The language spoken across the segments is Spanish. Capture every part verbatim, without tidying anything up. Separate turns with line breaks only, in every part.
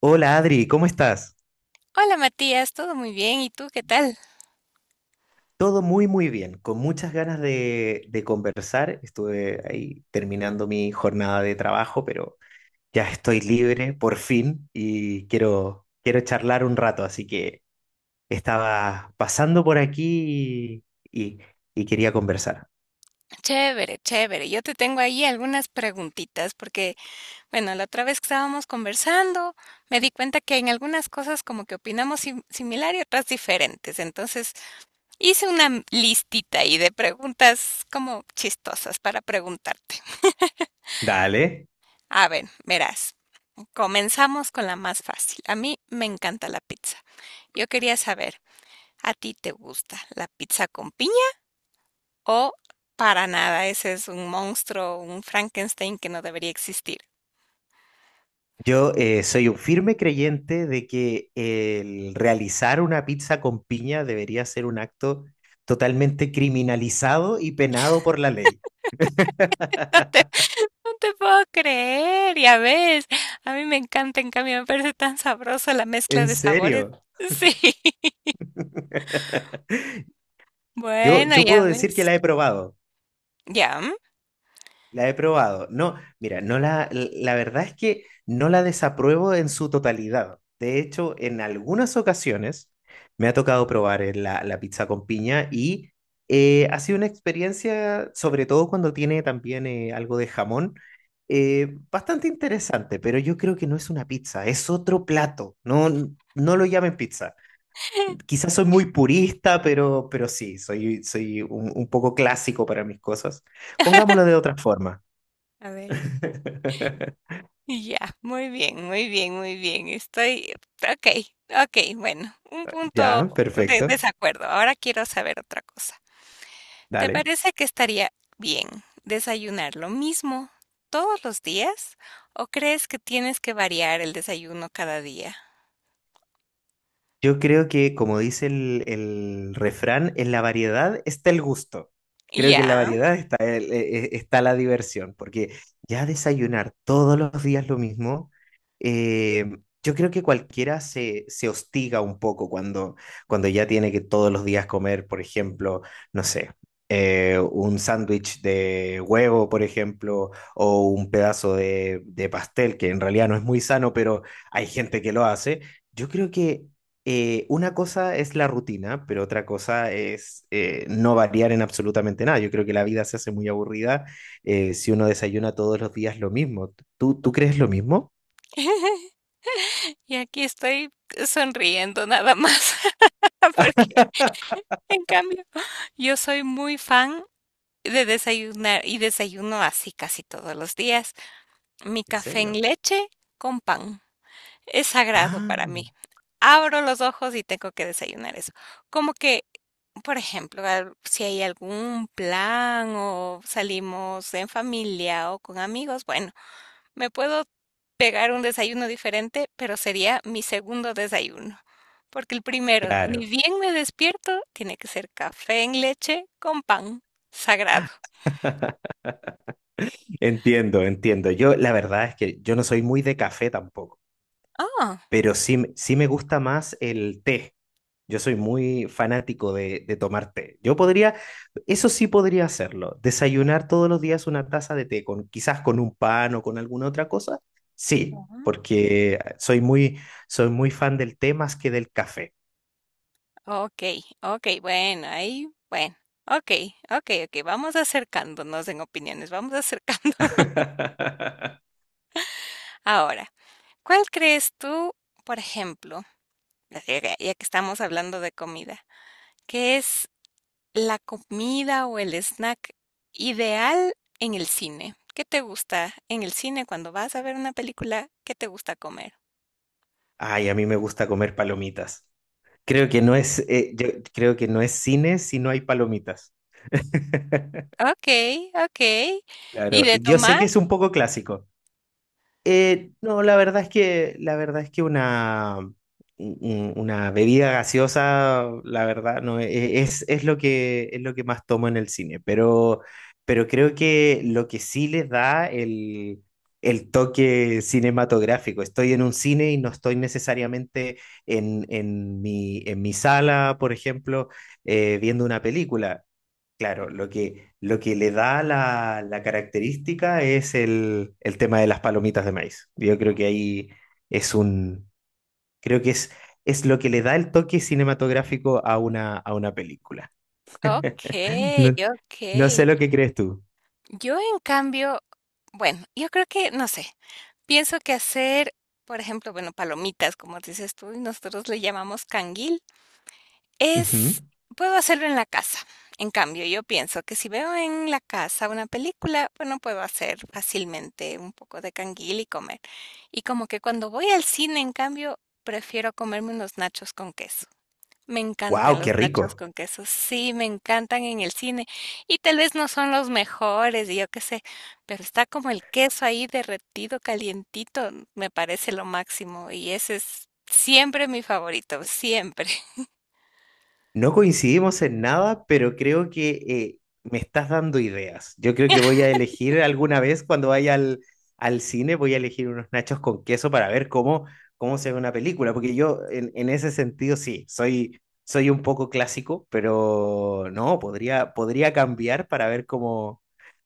Hola Adri, ¿cómo estás?
Hola Matías, todo muy bien. ¿Y tú qué tal?
Todo muy muy bien, con muchas ganas de, de conversar. Estuve ahí terminando mi jornada de trabajo, pero ya estoy libre por fin y quiero, quiero charlar un rato, así que estaba pasando por aquí y, y quería conversar.
Chévere, chévere. Yo te tengo ahí algunas preguntitas porque, bueno, la otra vez que estábamos conversando, me di cuenta que en algunas cosas como que opinamos sim- similar y otras diferentes. Entonces, hice una m- listita ahí de preguntas como chistosas para preguntarte.
Dale.
A ver, verás, comenzamos con la más fácil. A mí me encanta la pizza. Yo quería saber, ¿a ti te gusta la pizza con piña? O para nada, ese es un monstruo, un Frankenstein que no debería existir.
Yo eh, soy un firme creyente de que el realizar una pizza con piña debería ser un acto totalmente criminalizado y penado por la ley.
Te- No te puedo creer, ya ves. A mí me encanta, en cambio, me parece tan sabroso la mezcla
¿En
de sabores.
serio?
Sí.
Yo,
Bueno,
yo
ya
puedo decir que
ves.
la he probado,
Ya.
la he probado. No, mira, no la, la verdad es que no la desapruebo en su totalidad. De hecho, en algunas ocasiones me ha tocado probar eh, la, la pizza con piña y eh, ha sido una experiencia, sobre todo cuando tiene también eh, algo de jamón, eh, bastante interesante, pero yo creo que no es una pizza, es otro plato. No, no lo llamen pizza. Quizás soy muy purista, pero, pero sí, soy, soy un, un poco clásico para mis cosas. Pongámoslo de otra forma.
Mm. A ver. Ya, muy bien, muy bien, muy bien. Estoy. Ok, ok, bueno. Un
Ya,
punto de
perfecto.
desacuerdo. Ahora quiero saber otra cosa. ¿Te
Dale.
parece que estaría bien desayunar lo mismo todos los días o crees que tienes que variar el desayuno cada día?
Yo creo que, como dice el, el refrán, en la variedad está el gusto. Creo que en la
Ya.
variedad está, el- e- e- está la diversión, porque ya desayunar todos los días lo mismo, eh, yo creo que cualquiera se, se hostiga un poco cuando, cuando ya tiene que todos los días comer, por ejemplo, no sé, eh, un sándwich de huevo, por ejemplo, o un pedazo de de pastel, que en realidad no es muy sano, pero hay gente que lo hace. Yo creo que eh, una cosa es la rutina, pero otra cosa es eh, no variar en absolutamente nada. Yo creo que la vida se hace muy aburrida eh, si uno desayuna todos los días lo mismo. ¿Tú, tú crees lo mismo?
Y aquí estoy sonriendo nada más, porque en cambio yo soy muy fan de desayunar y desayuno así casi todos los días. Mi
¿En
café en
serio?
leche con pan. Es sagrado
Ah,
para mí. Abro los ojos y tengo que desayunar eso. Como que, por ejemplo, al- si hay algún plan o salimos en familia o con amigos, bueno, me puedo pegar un desayuno diferente, pero sería mi segundo desayuno. Porque el primero, ni
claro.
bien me despierto, tiene que ser café en leche con pan. Sagrado.
Entiendo, entiendo. Yo la verdad es que yo no soy muy de café tampoco. Pero sí, me- sí me gusta más el té. Yo soy muy fanático de, de tomar té. Yo podría, eso sí podría hacerlo, desayunar todos los días una taza de té, con, quizás con un pan o con alguna otra cosa. Sí,
Ah.
porque eh, soy muy, soy muy fan del té más que del café.
Okey, okey, bueno, ahí, bueno, okey, okey, okey, vamos acercándonos en opiniones, vamos acercando. Ahora, ¿cuál crees tú, por ejemplo, ya que ya que estamos hablando de comida, qué es la comida o el snack ideal en el cine? ¿Qué te gusta en el cine cuando vas a ver una película? ¿Qué te gusta comer?
Ay, a mí me gusta comer palomitas. Creo que no
¿Sí?
es, eh, yo creo que no es cine si no hay palomitas.
Okey, okey, ¿y
Claro,
de
yo sé
tomar?
que es un poco clásico. Eh, no, la verdad es que, la verdad es que una, un- una bebida gaseosa, la verdad, no, e- es, es lo que, es lo que más tomo en el cine, pero, pero creo que lo que sí les da el, el toque cinematográfico. Estoy en un cine y no estoy necesariamente en, en mi, en mi sala, por ejemplo, eh, viendo una película. Claro, lo que, lo que le da la, la característica es el, el tema de las palomitas de maíz. Yo creo que ahí es un, creo que es, es lo que le da el toque cinematográfico a una, a una película.
Okey,
No, no
okey.
sé lo que crees tú.
Yo, en cambio, bueno, yo creo que, no sé, pienso que hacer, por ejemplo, bueno, palomitas, como dices tú, y nosotros le llamamos canguil, es, puedo hacerlo en la casa. En cambio, yo pienso que si veo en la casa una película, bueno, puedo hacer fácilmente un poco de canguil y comer. Y como que cuando voy al cine, en cambio, prefiero comerme unos nachos con queso. Me encantan
Wow, qué
los nachos
rico.
con queso, sí, me encantan en el cine y tal vez no son los mejores, y yo qué sé, pero está como el queso ahí derretido, calientito, me parece lo máximo y ese es siempre mi favorito, siempre.
No coincidimos en nada, pero creo que eh, me estás dando ideas. Yo creo que voy a elegir alguna vez cuando vaya al, al cine, voy a elegir unos nachos con queso para ver cómo, cómo se ve una película, porque yo en, en ese sentido sí, soy, soy un poco clásico, pero no, podría, podría cambiar para ver cómo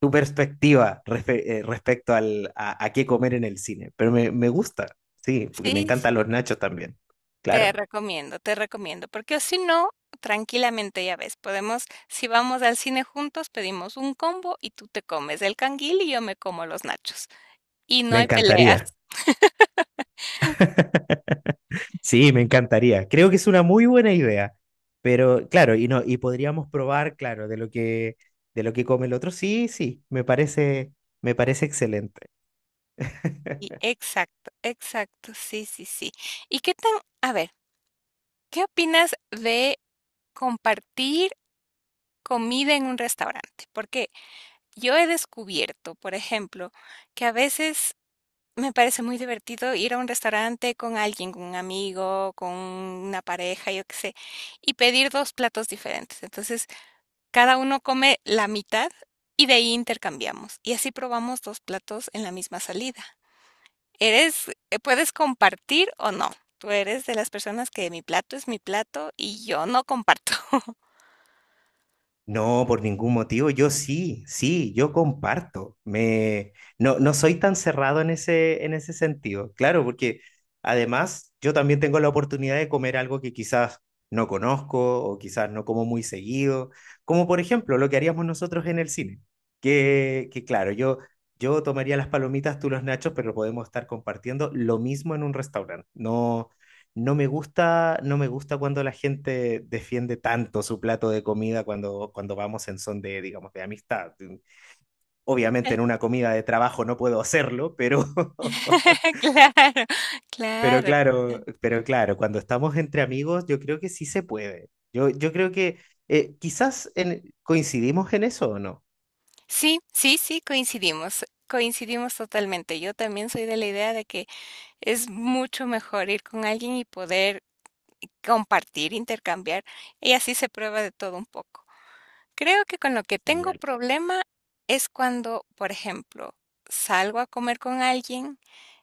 tu perspectiva respe- eh, respecto al, a, a qué comer en el cine. Pero me, me gusta, sí, porque me
Sí,
encantan
sí,
los nachos también.
te
Claro,
recomiendo, te recomiendo, porque si no, tranquilamente ya ves, podemos, si vamos al cine juntos, pedimos un combo y tú te comes el canguil y yo me como los nachos y no
me
hay peleas.
encantaría. Sí, me encantaría. Creo que es una muy buena idea. Pero claro, y no, y podríamos probar, claro, de lo que de lo que come el otro. Sí, sí, me parece, me parece excelente.
Y exacto, exacto, sí, sí, sí. ¿Y qué tan, a ver, qué opinas de compartir comida en un restaurante? Porque yo he descubierto, por ejemplo, que a veces me parece muy divertido ir a un restaurante con alguien, con un amigo, con una pareja, yo qué sé, y pedir dos platos diferentes. Entonces, cada uno come la mitad y de ahí intercambiamos. Y así probamos dos platos en la misma salida. Eres, eh, puedes compartir o no. Tú eres de las personas que mi plato es mi plato y yo no comparto.
No, por ningún motivo. Yo sí, sí, yo comparto. Me, no, no soy tan cerrado en ese, en ese sentido. Claro, porque además yo también tengo la oportunidad de comer algo que quizás no conozco o quizás no como muy seguido, como por ejemplo lo que haríamos nosotros en el cine. Que, que claro, yo, yo tomaría las palomitas, tú los nachos, pero podemos estar compartiendo lo mismo en un restaurante. No, no me gusta, no me gusta cuando la gente defiende tanto su plato de comida cuando, cuando vamos en son de, digamos, de amistad. Mm, Obviamente en una comida de trabajo no puedo hacerlo, pero,
Claro,
pero
claro.
claro, pero claro, cuando estamos entre amigos, yo creo que sí se puede. Yo, yo creo que eh, quizás en- coincidimos en eso o no.
Sí, sí, sí, coincidimos, coincidimos totalmente. Yo también soy de la idea de que es mucho mejor ir con alguien y poder compartir, intercambiar, y así se prueba de todo un poco. Creo que con lo que tengo
Genial.
problema es cuando, por ejemplo, salgo a comer con alguien,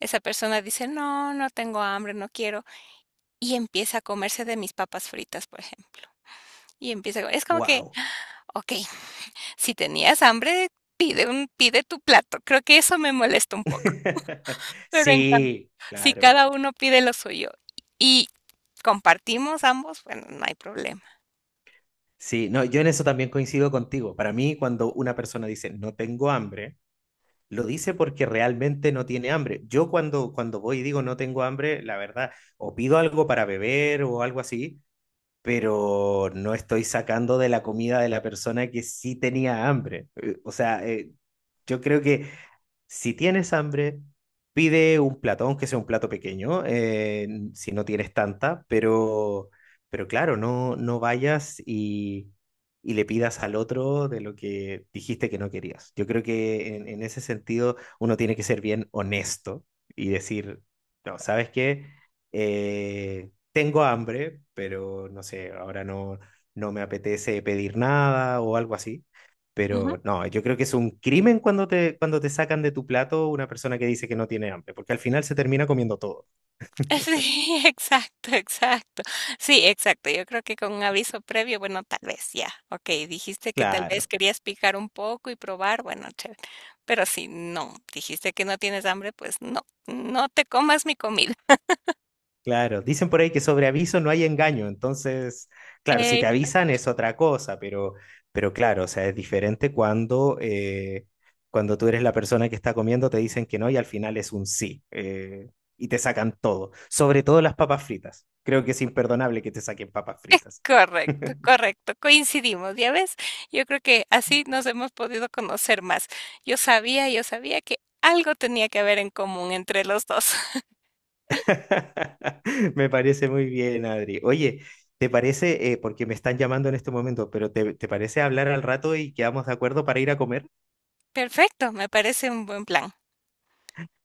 esa persona dice, no, no tengo hambre, no quiero, y empieza a comerse de mis papas fritas, por ejemplo. Y empieza, co- es como que,
Wow.
ok, si tenías hambre, pide un, pide tu plato. Creo que eso me molesta un poco. Pero en cambio,
Sí,
si
claro.
cada uno pide lo suyo y compartimos ambos, bueno, no hay problema.
Sí, no, yo en eso también coincido contigo. Para mí, cuando una persona dice no tengo hambre, lo dice porque realmente no tiene hambre. Yo cuando, cuando voy y digo no tengo hambre, la verdad, o pido algo para beber o algo así, pero no estoy sacando de la comida de la persona que sí tenía hambre. Eh, O sea, eh, yo creo que si tienes hambre, pide un plato, aunque sea un plato pequeño, eh, si no tienes tanta, pero, pero claro, no, no vayas y, y le pidas al otro de lo que dijiste que no querías. Yo creo que en, en ese sentido uno tiene que ser bien honesto y decir, no, ¿sabes qué? Eh, tengo hambre, pero no sé, ahora no, no me apetece pedir nada o algo así. Pero no, yo creo que es un crimen cuando te, cuando te sacan de tu plato una persona que dice que no tiene hambre, porque al final se termina comiendo todo.
Sí, exacto, exacto. Sí, exacto. Yo creo que con un aviso previo, bueno, tal vez ya. Ok, dijiste que tal vez
Claro,
querías picar un poco y probar, bueno, chévere. Pero si no, dijiste que no tienes hambre, pues no, no te comas mi comida.
claro. Dicen por ahí que sobre aviso no hay engaño, entonces, claro, si
Eh,
te avisan es otra cosa, pero, pero claro, o sea, es diferente cuando, eh, cuando tú eres la persona que está comiendo, te dicen que no y al final es un sí, eh, y te sacan todo, sobre todo las papas fritas. Creo que es imperdonable que te saquen papas fritas.
correcto, correcto. Coincidimos, ¿ya ves? Yo creo que así nos hemos podido conocer más. Yo sabía, yo sabía que algo tenía que haber en común entre los dos.
Me parece muy bien, Adri. Oye, ¿te parece, eh, porque me están llamando en este momento, pero te, te parece hablar al rato y quedamos de acuerdo para ir a comer?
Perfecto, me parece un buen plan.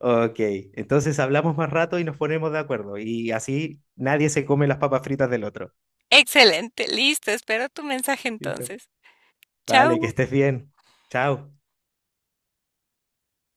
Ok, entonces hablamos más rato y nos ponemos de acuerdo y así nadie se come las papas fritas del otro.
Excelente, listo, espero tu mensaje
¿Listo?
entonces.
Vale, que
Chao.
estés bien. Chao.